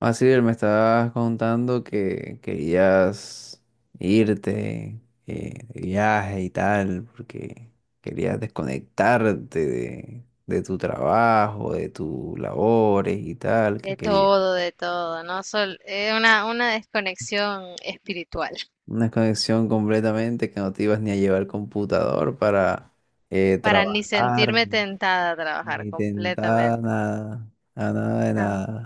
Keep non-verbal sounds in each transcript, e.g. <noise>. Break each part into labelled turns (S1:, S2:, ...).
S1: Así me estabas contando que querías irte de viaje y tal, porque querías desconectarte de tu trabajo, de tus labores y tal, que querías
S2: De todo, ¿no? Sol, una desconexión espiritual
S1: una desconexión completamente que no te ibas ni a llevar computador para
S2: para ni
S1: trabajar,
S2: sentirme tentada a
S1: ni
S2: trabajar
S1: tentar
S2: completamente.
S1: nada, a nada de
S2: Ah,
S1: nada.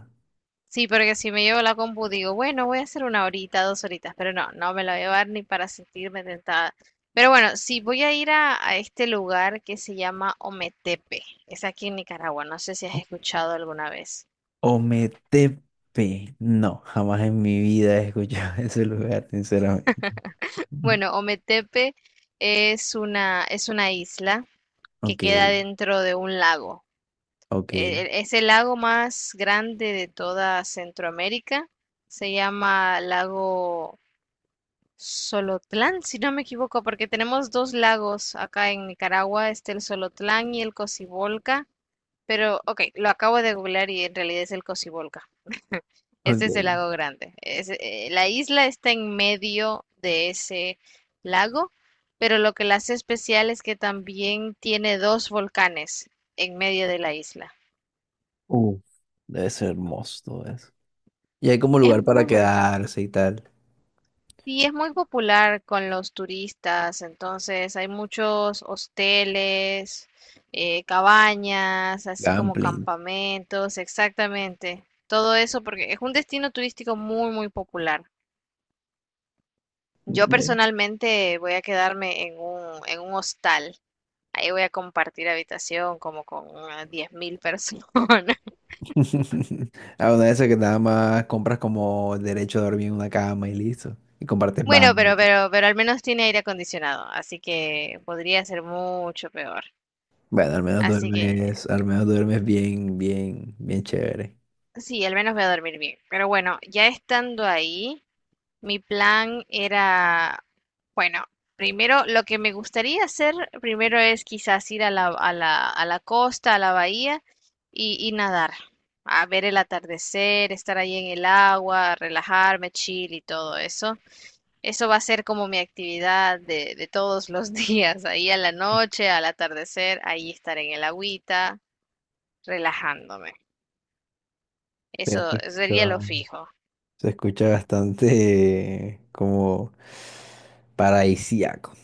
S2: sí, porque si me llevo la compu digo, bueno, voy a hacer una horita, dos horitas, pero no, no me la voy a llevar ni para sentirme tentada. Pero bueno, sí, voy a ir a este lugar que se llama Ometepe. Es aquí en Nicaragua, no sé si has escuchado alguna vez.
S1: O Ometepe, no, jamás en mi vida he escuchado <laughs> ese lugar, sinceramente.
S2: Bueno, Ometepe es una isla que
S1: Ok,
S2: queda dentro de un lago.
S1: ok.
S2: Es el lago más grande de toda Centroamérica. Se llama lago Solotlán, si no me equivoco, porque tenemos dos lagos acá en Nicaragua, este el Solotlán y el Cocibolca. Pero, ok, lo acabo de googlear y en realidad es el Cocibolca. <laughs> Ese es el
S1: Ok.
S2: lago grande. Es, la isla está en medio de ese lago, pero lo que la hace especial es que también tiene dos volcanes en medio de la isla.
S1: Uf, debe ser hermoso todo eso. Y hay como
S2: Es
S1: lugar para
S2: muy bonita.
S1: quedarse y tal.
S2: Y es muy popular con los turistas, entonces hay muchos hosteles, cabañas, así como
S1: Gamplings.
S2: campamentos, exactamente. Todo eso porque es un destino turístico muy, muy popular. Yo
S1: ¿Ve?
S2: personalmente voy a quedarme en un hostal. Ahí voy a compartir habitación como con unas 10.000 personas. <laughs>
S1: <laughs> A una de esas que nada más compras como el derecho a dormir en una cama y listo. Y compartes
S2: Bueno,
S1: baño y
S2: pero,
S1: todo.
S2: pero, pero al menos tiene aire acondicionado, así que podría ser mucho peor.
S1: Bueno,
S2: Así que
S1: al menos duermes bien, bien, bien chévere.
S2: sí, al menos voy a dormir bien. Pero bueno, ya estando ahí, mi plan era, bueno, primero lo que me gustaría hacer, primero es quizás ir a la costa, a la bahía y nadar, a ver el atardecer, estar ahí en el agua, relajarme, chill y todo eso. Eso va a ser como mi actividad de todos los <laughs> días, ahí a la noche, al atardecer, ahí estar en el agüita, relajándome.
S1: Eh, Se
S2: Eso
S1: escucha,
S2: sería lo fijo.
S1: se escucha bastante como paradisíaco.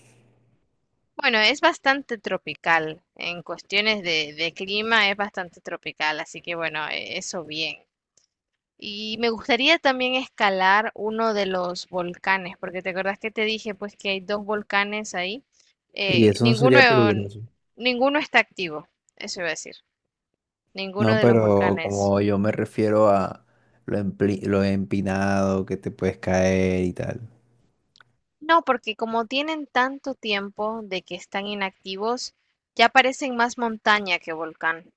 S2: Bueno, es bastante tropical. En cuestiones de clima es bastante tropical, así que bueno, eso bien. Y me gustaría también escalar uno de los volcanes, porque te acuerdas que te dije pues que hay dos volcanes ahí.
S1: Y
S2: Eh,
S1: eso no
S2: ninguno,
S1: sería peligroso.
S2: Ninguno está activo, eso iba a decir. Ninguno
S1: No,
S2: de los
S1: pero
S2: volcanes.
S1: como yo me refiero a lo empinado que te puedes caer y tal.
S2: No, porque como tienen tanto tiempo de que están inactivos, ya parecen más montaña que volcán.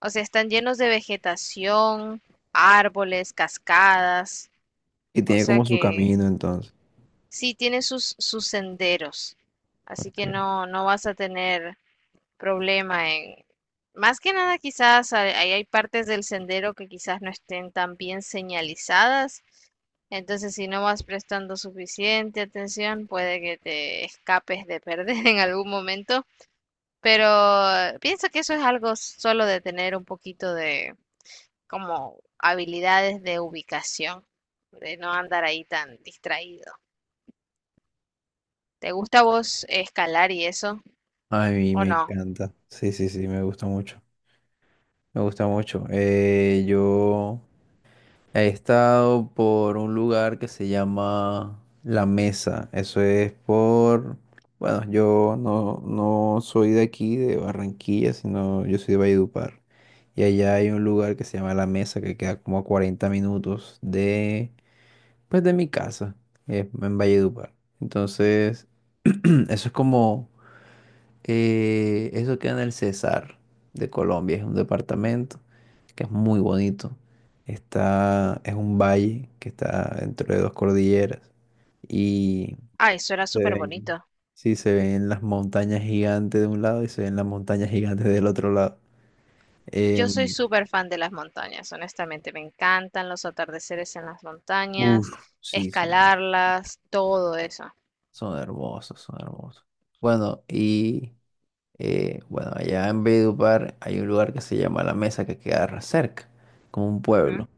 S2: O sea, están llenos de vegetación, árboles, cascadas.
S1: Y
S2: O
S1: tiene
S2: sea
S1: como su
S2: que
S1: camino entonces.
S2: sí tiene sus senderos. Así que
S1: Okay.
S2: no, no vas a tener problema en... Más que nada quizás hay, ahí hay partes del sendero que quizás no estén tan bien señalizadas. Entonces, si no vas prestando suficiente atención, puede que te escapes de perder <laughs> en algún momento. Pero pienso que eso es algo solo de tener un poquito de, como habilidades de ubicación, de no andar ahí tan distraído. ¿Te gusta a vos escalar y eso
S1: A mí
S2: o
S1: me
S2: no?
S1: encanta. Sí, sí, sí, me gusta mucho. Me gusta mucho. He estado por un lugar que se llama La Mesa. Bueno, yo no, no soy de aquí, de Barranquilla, sino yo soy de Valledupar. Y allá hay un lugar que se llama La Mesa, que queda como a 40 minutos de, pues, de mi casa, en Valledupar. Entonces, <clears throat> eso es como eso queda en el Cesar de Colombia, es un departamento que es muy bonito. Está, es un valle que está entre dos cordilleras y
S2: Ay, eso era
S1: se
S2: súper
S1: ven,
S2: bonito.
S1: sí, se ven las montañas gigantes de un lado y se ven las montañas gigantes del otro lado.
S2: Yo soy
S1: Em,
S2: súper fan de las montañas, honestamente, me encantan los atardeceres en las
S1: uf,
S2: montañas,
S1: sí, son,
S2: escalarlas, todo eso.
S1: son hermosos, son hermosos. Bueno, y bueno, allá en Valledupar hay un lugar que se llama La Mesa que queda cerca, como un
S2: Ujú.
S1: pueblo.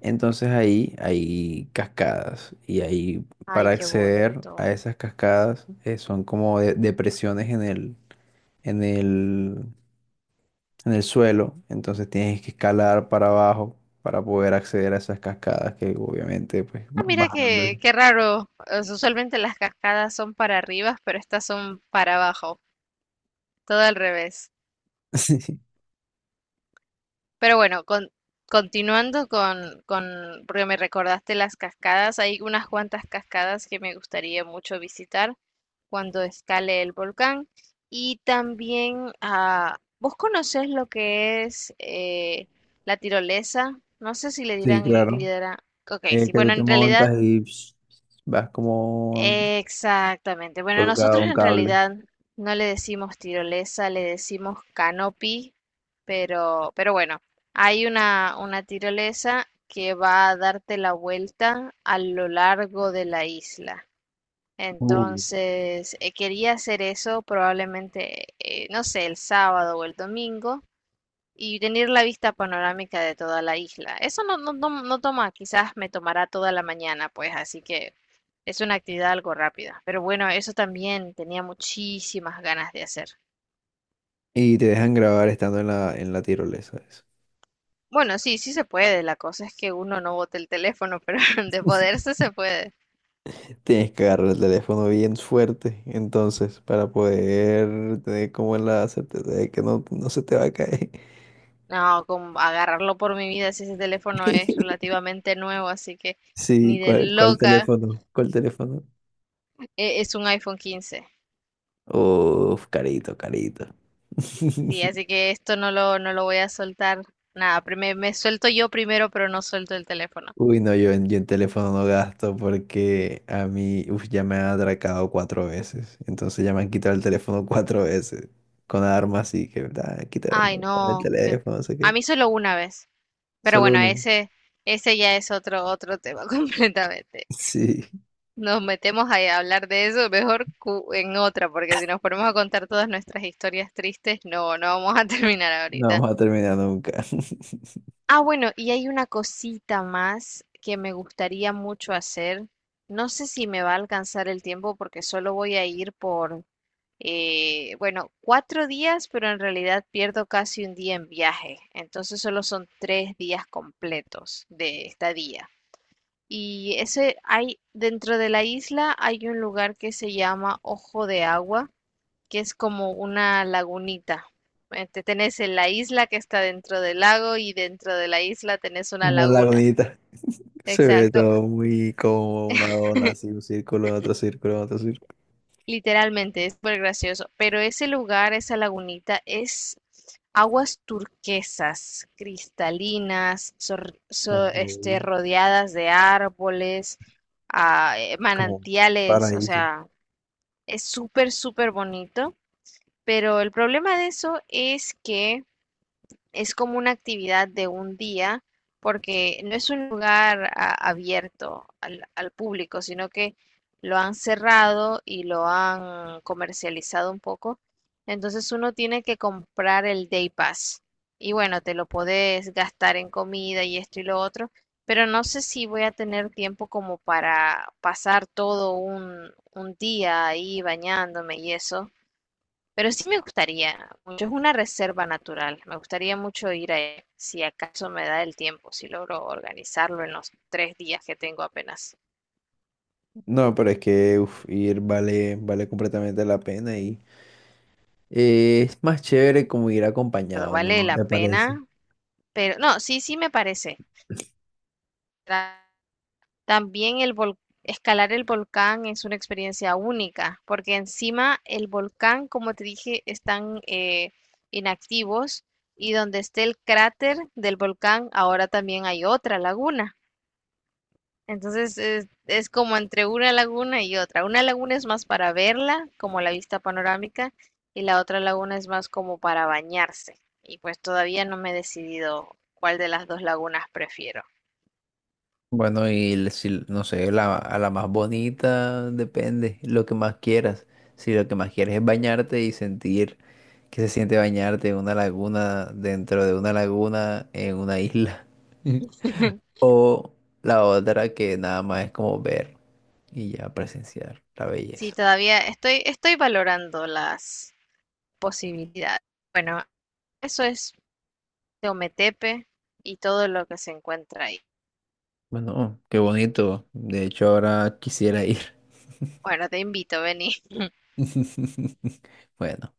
S1: Entonces ahí hay cascadas y ahí para
S2: Ay, qué
S1: acceder a
S2: bonito.
S1: esas cascadas son como depresiones en el, en el, en el suelo. Entonces tienes que escalar para abajo para poder acceder a esas cascadas que obviamente pues
S2: Ah,
S1: van
S2: mira
S1: bajando.
S2: qué, qué raro. Usualmente las cascadas son para arriba, pero estas son para abajo, todo al revés.
S1: <laughs> Sí,
S2: Pero bueno, continuando porque me recordaste las cascadas, hay unas cuantas cascadas que me gustaría mucho visitar cuando escale el volcán. Y también, ah, ¿vos conocés lo que es la tirolesa? No sé si le
S1: sí,
S2: dirán, le
S1: claro.
S2: dirán, ok, sí,
S1: Que
S2: bueno,
S1: tú te
S2: en realidad
S1: montas y psh, vas como
S2: exactamente. Bueno,
S1: colgado a
S2: nosotros
S1: un
S2: en
S1: cable.
S2: realidad no le decimos tirolesa, le decimos canopy, pero bueno, hay una tirolesa que va a darte la vuelta a lo largo de la isla.
S1: Uh.
S2: Entonces, quería hacer eso probablemente, no sé, el sábado o el domingo, y tener la vista panorámica de toda la isla. Eso no toma, quizás me tomará toda la mañana, pues, así que es una actividad algo rápida. Pero bueno, eso también tenía muchísimas ganas de hacer.
S1: Y te dejan grabar estando en la tirolesa, eso.
S2: Bueno, sí, sí se puede. La cosa es que uno no bote el teléfono, pero <laughs> de poderse se puede.
S1: Tienes que agarrar el teléfono bien fuerte, entonces, para poder tener como la certeza de que no, no se te va a caer.
S2: No, con agarrarlo por mi vida si ese teléfono es
S1: <laughs>
S2: relativamente nuevo, así que
S1: Sí,
S2: ni de
S1: ¿cuál, cuál
S2: loca
S1: teléfono? ¿Cuál teléfono?
S2: es un iPhone 15.
S1: Uf, carito, carito.
S2: Sí, así
S1: <laughs>
S2: que esto no lo voy a soltar. Nada, me suelto yo primero, pero no suelto el teléfono.
S1: Uy, no, yo en teléfono no gasto porque a mí, uf, ya me han atracado 4 veces. Entonces ya me han quitado el teléfono 4 veces. Con armas y que, ah, quita el
S2: Ay,
S1: dame el
S2: no.
S1: teléfono, no sé
S2: A
S1: qué.
S2: mí solo una vez. Pero
S1: Solo
S2: bueno,
S1: uno. <laughs>
S2: ese ya es otro, otro tema <laughs> completamente.
S1: Sí,
S2: Nos metemos ahí a hablar de eso mejor en otra, porque si nos ponemos a contar todas nuestras historias tristes, no, no vamos a <laughs> terminar
S1: no
S2: ahorita.
S1: vamos a terminar nunca. <laughs>
S2: Ah, bueno, y hay una cosita más que me gustaría mucho hacer. No sé si me va a alcanzar el tiempo porque solo voy a ir por bueno, 4 días, pero en realidad pierdo casi un día en viaje. Entonces solo son 3 días completos de estadía. Y ese hay, dentro de la isla hay un lugar que se llama Ojo de Agua, que es como una lagunita. Tenés en la isla que está dentro del lago y dentro de la isla tenés una
S1: Una
S2: laguna.
S1: lagunita. Se ve
S2: Exacto.
S1: todo muy como una dona, así un círculo, otro círculo, otro círculo.
S2: Literalmente, es súper gracioso. Pero ese lugar, esa lagunita, es aguas turquesas, cristalinas,
S1: Ok,
S2: rodeadas de árboles,
S1: como un
S2: manantiales, o
S1: paraíso.
S2: sea, es súper, súper bonito. Pero el problema de eso es que es como una actividad de un día porque no es un lugar abierto al público, sino que lo han cerrado y lo han comercializado un poco. Entonces uno tiene que comprar el Day Pass. Y bueno, te lo podés gastar en comida y esto y lo otro, pero no sé si voy a tener tiempo como para pasar todo un día ahí bañándome y eso. Pero sí me gustaría mucho, es una reserva natural. Me gustaría mucho ir a ella, si acaso me da el tiempo, si logro organizarlo en los 3 días que tengo apenas.
S1: No, pero es que uf, ir vale, vale completamente la pena y es más chévere como ir
S2: Pero
S1: acompañado,
S2: vale
S1: ¿no
S2: la
S1: te parece?
S2: pena, pero no, sí, sí me parece. Ta- También el vol- Escalar el volcán es una experiencia única, porque encima el volcán, como te dije, están inactivos y donde esté el cráter del volcán, ahora también hay otra laguna. Entonces es como entre una laguna y otra. Una laguna es más para verla, como la vista panorámica, y la otra laguna es más como para bañarse. Y pues todavía no me he decidido cuál de las dos lagunas prefiero.
S1: Bueno, y si, no sé, a la más bonita depende, lo que más quieras. Si lo que más quieres es bañarte y sentir que se siente bañarte en una laguna, dentro de una laguna, en una isla. <laughs>
S2: <laughs>
S1: O la otra que nada más es como ver y ya presenciar la
S2: Sí,
S1: belleza.
S2: todavía estoy valorando las posibilidades. Bueno, eso es Teometepe y todo lo que se encuentra ahí.
S1: Bueno, qué bonito. De hecho, ahora quisiera ir.
S2: Bueno, te invito, vení.
S1: <laughs> Bueno,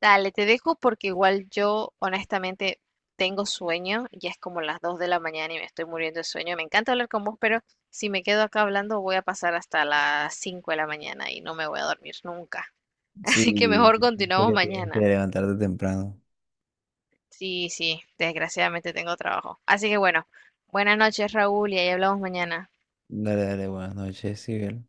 S2: Dale, te dejo porque igual yo honestamente tengo sueño, ya es como las 2 de la mañana y me estoy muriendo de sueño. Me encanta hablar con vos, pero si me quedo acá hablando voy a pasar hasta las 5 de la mañana y no me voy a dormir nunca. <laughs> Así que
S1: sí,
S2: mejor
S1: sé
S2: continuamos
S1: que tienes que
S2: mañana.
S1: levantarte temprano.
S2: Sí, sí, desgraciadamente tengo trabajo. Así que bueno, buenas noches, Raúl, y ahí hablamos mañana.
S1: Dale, dale, buenas noches, Sibel.